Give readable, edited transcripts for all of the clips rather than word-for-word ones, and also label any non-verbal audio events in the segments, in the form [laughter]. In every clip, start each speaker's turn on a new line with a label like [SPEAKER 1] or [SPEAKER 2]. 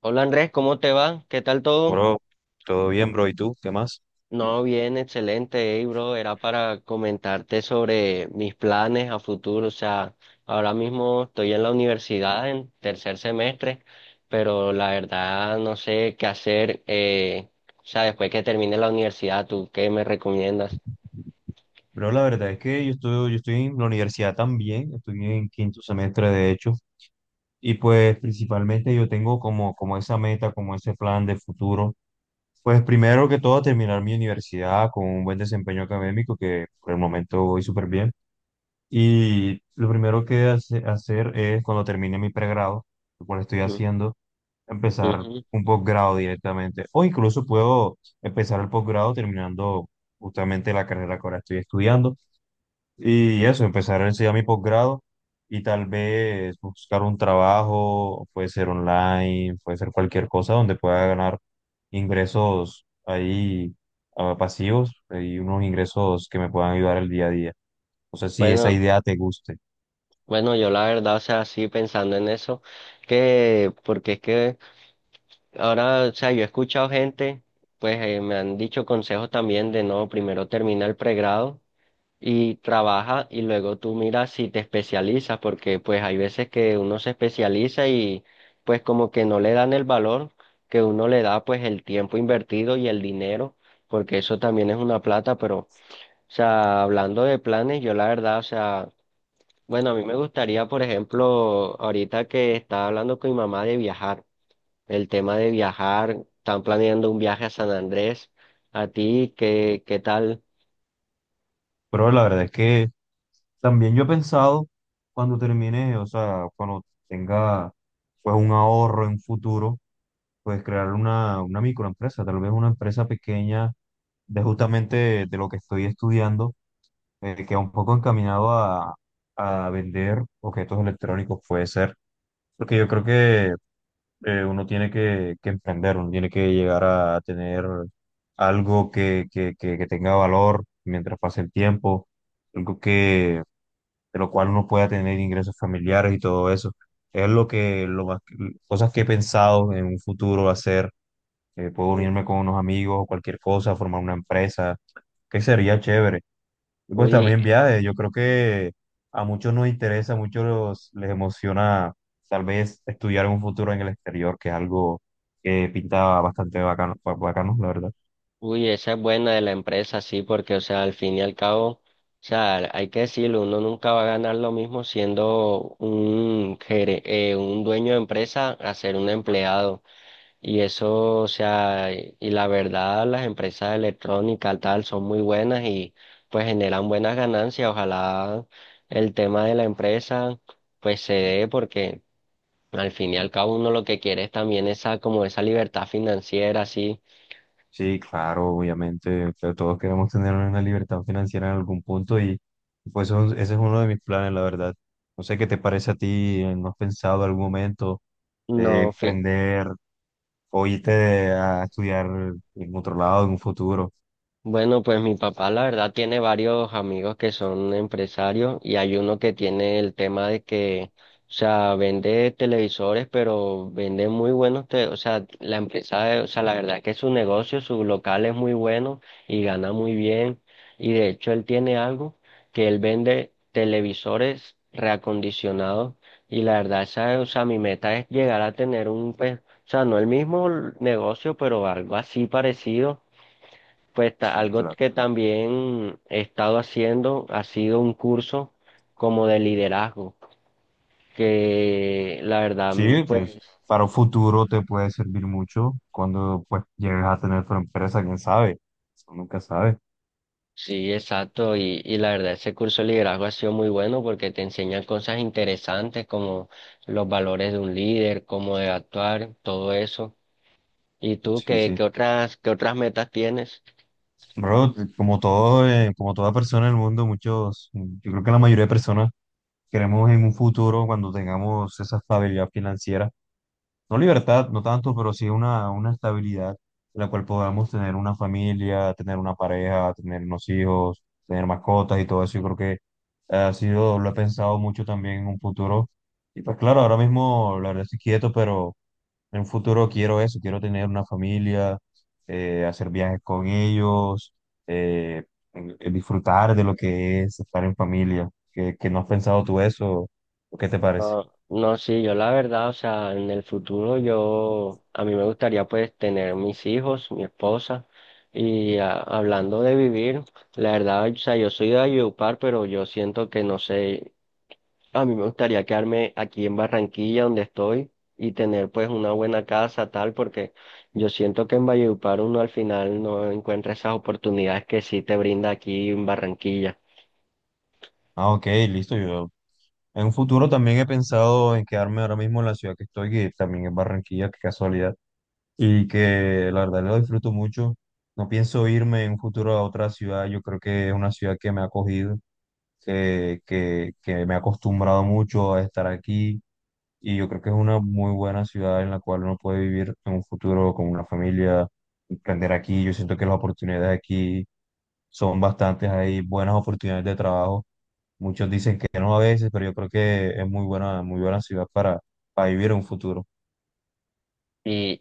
[SPEAKER 1] Hola Andrés, ¿cómo te va? ¿Qué tal todo?
[SPEAKER 2] Bro, todo bien, bro. ¿Y tú? ¿Qué más?
[SPEAKER 1] No, bien, excelente, hey, bro. Era para comentarte sobre mis planes a futuro. O sea, ahora mismo estoy en la universidad en tercer semestre, pero la verdad no sé qué hacer. O sea, después que termine la universidad, ¿tú qué me recomiendas?
[SPEAKER 2] Bro, la verdad es que yo estoy en la universidad también, estoy en quinto semestre de hecho, y pues principalmente yo tengo como esa meta, como ese plan de futuro, pues primero que todo terminar mi universidad con un buen desempeño académico, que por el momento voy súper bien, y lo primero que hacer es cuando termine mi pregrado, lo cual estoy
[SPEAKER 1] Mm,
[SPEAKER 2] haciendo, empezar
[SPEAKER 1] ujú.
[SPEAKER 2] un posgrado directamente. O incluso puedo empezar el posgrado terminando justamente la carrera que ahora estoy estudiando. Y eso, empezar a enseñar mi posgrado y tal vez buscar un trabajo, puede ser online, puede ser cualquier cosa donde pueda ganar ingresos ahí, pasivos, y unos ingresos que me puedan ayudar el día a día. O sea, si esa
[SPEAKER 1] Bueno.
[SPEAKER 2] idea te guste.
[SPEAKER 1] Bueno, yo la verdad, o sea, sí pensando en eso, que porque es que ahora, o sea, yo he escuchado gente, pues me han dicho consejos también de no, primero termina el pregrado y trabaja y luego tú miras si te especializas, porque pues hay veces que uno se especializa y pues como que no le dan el valor que uno le da, pues el tiempo invertido y el dinero, porque eso también es una plata, pero, o sea, hablando de planes, yo la verdad, o sea... Bueno, a mí me gustaría, por ejemplo, ahorita que estaba hablando con mi mamá de viajar, el tema de viajar, están planeando un viaje a San Andrés. ¿A ti qué, qué tal?
[SPEAKER 2] Pero la verdad es que también yo he pensado cuando termine, o sea, cuando tenga pues un ahorro en futuro, pues crear una microempresa, tal vez una empresa pequeña de justamente de lo que estoy estudiando, que va un poco encaminado a vender objetos electrónicos, puede ser, porque yo creo que uno tiene que emprender, uno tiene que llegar a tener algo que tenga valor mientras pase el tiempo, algo que de lo cual uno pueda tener ingresos familiares y todo eso. Es lo que, lo más, cosas que he pensado en un futuro hacer. Puedo
[SPEAKER 1] Uy,
[SPEAKER 2] unirme con unos amigos o cualquier cosa, formar una empresa, que sería chévere. Y pues
[SPEAKER 1] uy,
[SPEAKER 2] también viajes, yo creo que a muchos nos interesa, a muchos les emociona tal vez estudiar un futuro en el exterior, que es algo que pinta bastante bacano, bacano, la verdad.
[SPEAKER 1] uy, esa es buena de la empresa, sí, porque, o sea, al fin y al cabo, o sea, hay que decirlo, uno nunca va a ganar lo mismo siendo un, gere- un dueño de empresa a ser un empleado. Y eso, o sea, y la verdad, las empresas electrónicas tal son muy buenas y pues generan buenas ganancias. Ojalá el tema de la empresa pues se dé porque al fin y al cabo uno lo que quiere es también esa como esa libertad financiera, así,
[SPEAKER 2] Sí, claro, obviamente, pero todos queremos tener una libertad financiera en algún punto y pues ese es uno de mis planes, la verdad. No sé qué te parece a ti, ¿no has pensado en algún momento,
[SPEAKER 1] no, fi-
[SPEAKER 2] emprender o irte a estudiar en otro lado en un futuro?
[SPEAKER 1] Bueno, pues mi papá la verdad tiene varios amigos que son empresarios y hay uno que tiene el tema de que, o sea, vende televisores, pero vende muy buenos, te- o sea, la empresa, o sea, la verdad es que su negocio, su local es muy bueno y gana muy bien. Y de hecho él tiene algo que él vende televisores reacondicionados y la verdad esa, o sea, mi meta es llegar a tener un, pues, o sea, no el mismo negocio, pero algo así parecido, pues ta-
[SPEAKER 2] Sí,
[SPEAKER 1] algo
[SPEAKER 2] claro.
[SPEAKER 1] que también he estado haciendo ha sido un curso como de liderazgo, que la verdad, mm,
[SPEAKER 2] Sí, pues
[SPEAKER 1] pues
[SPEAKER 2] para un futuro te puede servir mucho cuando pues llegues a tener tu empresa, quién sabe, uno nunca sabe.
[SPEAKER 1] sí, exacto, y la verdad ese curso de liderazgo ha sido muy bueno porque te enseñan cosas interesantes como los valores de un líder, cómo de actuar, todo eso. ¿Y tú
[SPEAKER 2] Sí,
[SPEAKER 1] qué,
[SPEAKER 2] sí.
[SPEAKER 1] qué otras metas tienes?
[SPEAKER 2] Bro, como todo, como toda persona en el mundo, muchos, yo creo que la mayoría de personas queremos en un futuro, cuando tengamos esa estabilidad financiera, no libertad, no tanto, pero sí una estabilidad en la cual podamos tener una familia, tener una pareja, tener unos hijos, tener mascotas y todo eso. Yo creo que ha sido, lo he pensado mucho también en un futuro. Y pues claro, ahora mismo la verdad estoy quieto, pero en un futuro quiero eso, quiero tener una familia, hacer viajes con ellos, eh, disfrutar de lo que es estar en familia. ¿Qué, qué no has pensado tú eso? ¿O qué te parece?
[SPEAKER 1] No, no, sí, yo la verdad, o sea, en el futuro yo, a mí me gustaría pues tener mis hijos, mi esposa, y a- hablando de vivir, la verdad, o sea, yo soy de Valledupar, pero yo siento que no sé, a mí me gustaría quedarme aquí en Barranquilla donde estoy y tener pues una buena casa tal, porque yo siento que en Valledupar uno al final no encuentra esas oportunidades que sí te brinda aquí en Barranquilla.
[SPEAKER 2] Ah, ok, listo. Yo en un futuro también he pensado en quedarme ahora mismo en la ciudad que estoy, que también es Barranquilla, qué casualidad. Y que la verdad lo disfruto mucho. No pienso irme en un futuro a otra ciudad. Yo creo que es una ciudad que me ha acogido, que me ha acostumbrado mucho a estar aquí. Y yo creo que es una muy buena ciudad en la cual uno puede vivir en un futuro con una familia, emprender aquí. Yo siento que las oportunidades aquí son bastantes. Hay buenas oportunidades de trabajo. Muchos dicen que no a veces, pero yo creo que es muy buena ciudad para vivir en un futuro.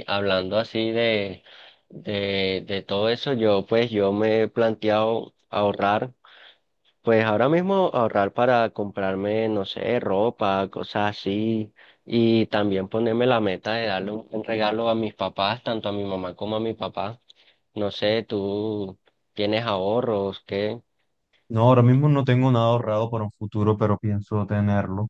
[SPEAKER 1] Y hablando así de todo eso, yo pues yo me he planteado ahorrar, pues ahora mismo ahorrar para comprarme, no sé, ropa, cosas así, y también ponerme la meta de darle un buen regalo a mis papás, tanto a mi mamá como a mi papá. No sé, ¿tú tienes ahorros, qué?
[SPEAKER 2] No, ahora mismo no tengo nada ahorrado para un futuro, pero pienso tenerlo.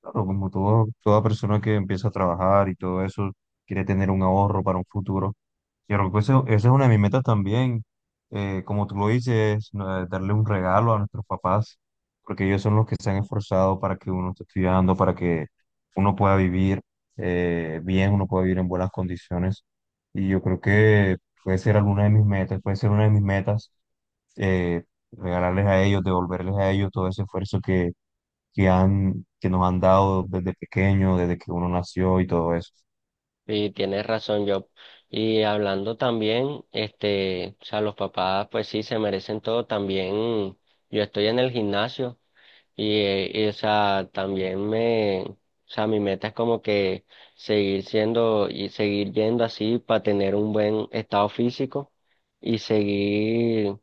[SPEAKER 2] Claro, como todo, toda persona que empieza a trabajar y todo eso, quiere tener un ahorro para un futuro. Y creo que esa es una de mis metas también. Como tú lo dices, no, darle un regalo a nuestros papás, porque ellos son los que se han esforzado para que uno esté estudiando, para que uno pueda vivir bien, uno pueda vivir en buenas condiciones. Y yo creo que puede ser alguna de mis metas, puede ser una de mis metas, eh, regalarles a ellos, devolverles a ellos todo ese esfuerzo que han, que nos han dado desde pequeño, desde que uno nació y todo eso.
[SPEAKER 1] Y tienes razón, Job. Y hablando también, este, o sea, los papás, pues sí, se merecen todo. También yo estoy en el gimnasio y, o sea, también me, o sea, mi meta es como que seguir siendo y seguir yendo así para tener un buen estado físico y seguir,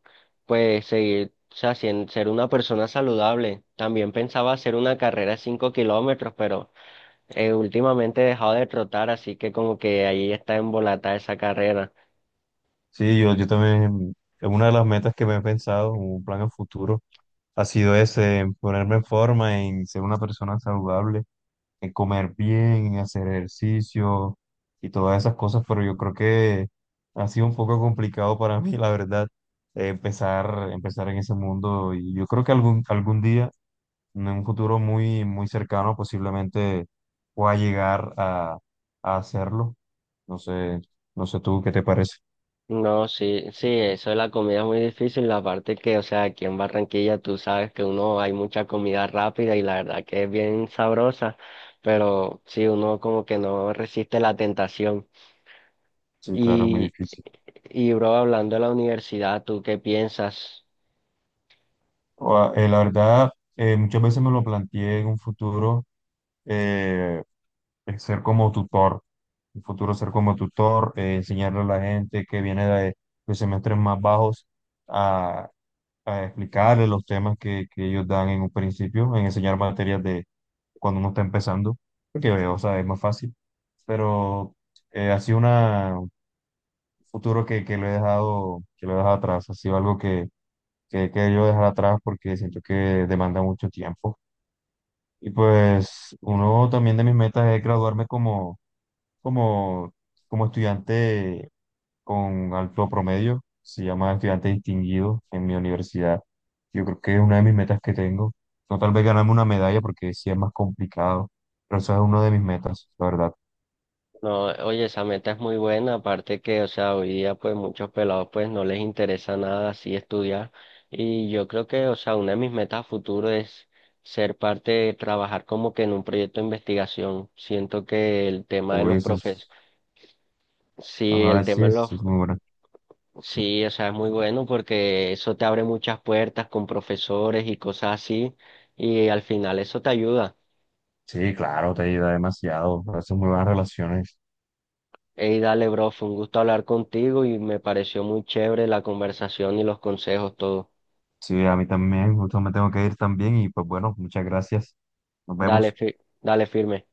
[SPEAKER 1] pues seguir, o sea, sien- ser una persona saludable. También pensaba hacer una carrera de 5 kilómetros, pero últimamente he dejado de trotar, así que como que ahí está embolatada esa carrera.
[SPEAKER 2] Sí, yo también, es una de las metas que me he pensado, un plan a futuro, ha sido ese, en ponerme en forma, en ser una persona saludable, en comer bien, en hacer ejercicio y todas esas cosas, pero yo creo que ha sido un poco complicado para [laughs] mí, la verdad, empezar en ese mundo, y yo creo que algún día en un futuro muy, muy cercano posiblemente pueda llegar a hacerlo. No sé, no sé tú qué te parece.
[SPEAKER 1] No, sí, sí, eso de la comida es muy difícil, la parte que, o sea, aquí en Barranquilla tú sabes que uno hay mucha comida rápida y la verdad que es bien sabrosa, pero sí, uno como que no resiste la tentación.
[SPEAKER 2] Sí, claro, es muy
[SPEAKER 1] Y,
[SPEAKER 2] difícil.
[SPEAKER 1] y bro, hablando de la universidad, ¿tú qué piensas?
[SPEAKER 2] La verdad, muchas veces me lo planteé en un futuro, eh, el ser como tutor, en un futuro ser como tutor, enseñarle a la gente que viene de semestres más bajos a, a explicarle los temas que ellos dan en un principio, en enseñar materias de cuando uno está empezando, porque, o sea, es más fácil. Pero ha sido una, un futuro que lo he dejado, que lo he dejado atrás, ha sido algo que he querido dejar atrás porque siento que demanda mucho tiempo. Y pues uno también de mis metas es graduarme como, como estudiante con alto promedio, se llama estudiante distinguido en mi universidad. Yo creo que es una de mis metas que tengo. No tal vez ganarme una medalla porque sí es más complicado, pero esa es una de mis metas, la verdad.
[SPEAKER 1] No, oye, esa meta es muy buena, aparte que, o sea, hoy día pues muchos pelados pues no les interesa nada así estudiar y yo creo que, o sea, una de mis metas a futuro es ser parte de trabajar como que en un proyecto de investigación. Siento que el tema de
[SPEAKER 2] O
[SPEAKER 1] los
[SPEAKER 2] ese
[SPEAKER 1] profes,
[SPEAKER 2] es,
[SPEAKER 1] sí, el
[SPEAKER 2] ajá,
[SPEAKER 1] tema de los,
[SPEAKER 2] sí es muy buena.
[SPEAKER 1] sí, o sea, es muy bueno porque eso te abre muchas puertas con profesores y cosas así y al final eso te ayuda.
[SPEAKER 2] Sí, claro, te ayuda demasiado, haces muy buenas relaciones.
[SPEAKER 1] Hey, dale, bro, fue un gusto hablar contigo y me pareció muy chévere la conversación y los consejos, todo.
[SPEAKER 2] Sí, a mí también, justo me tengo que ir también y pues bueno, muchas gracias. Nos
[SPEAKER 1] Dale,
[SPEAKER 2] vemos.
[SPEAKER 1] fi- dale firme.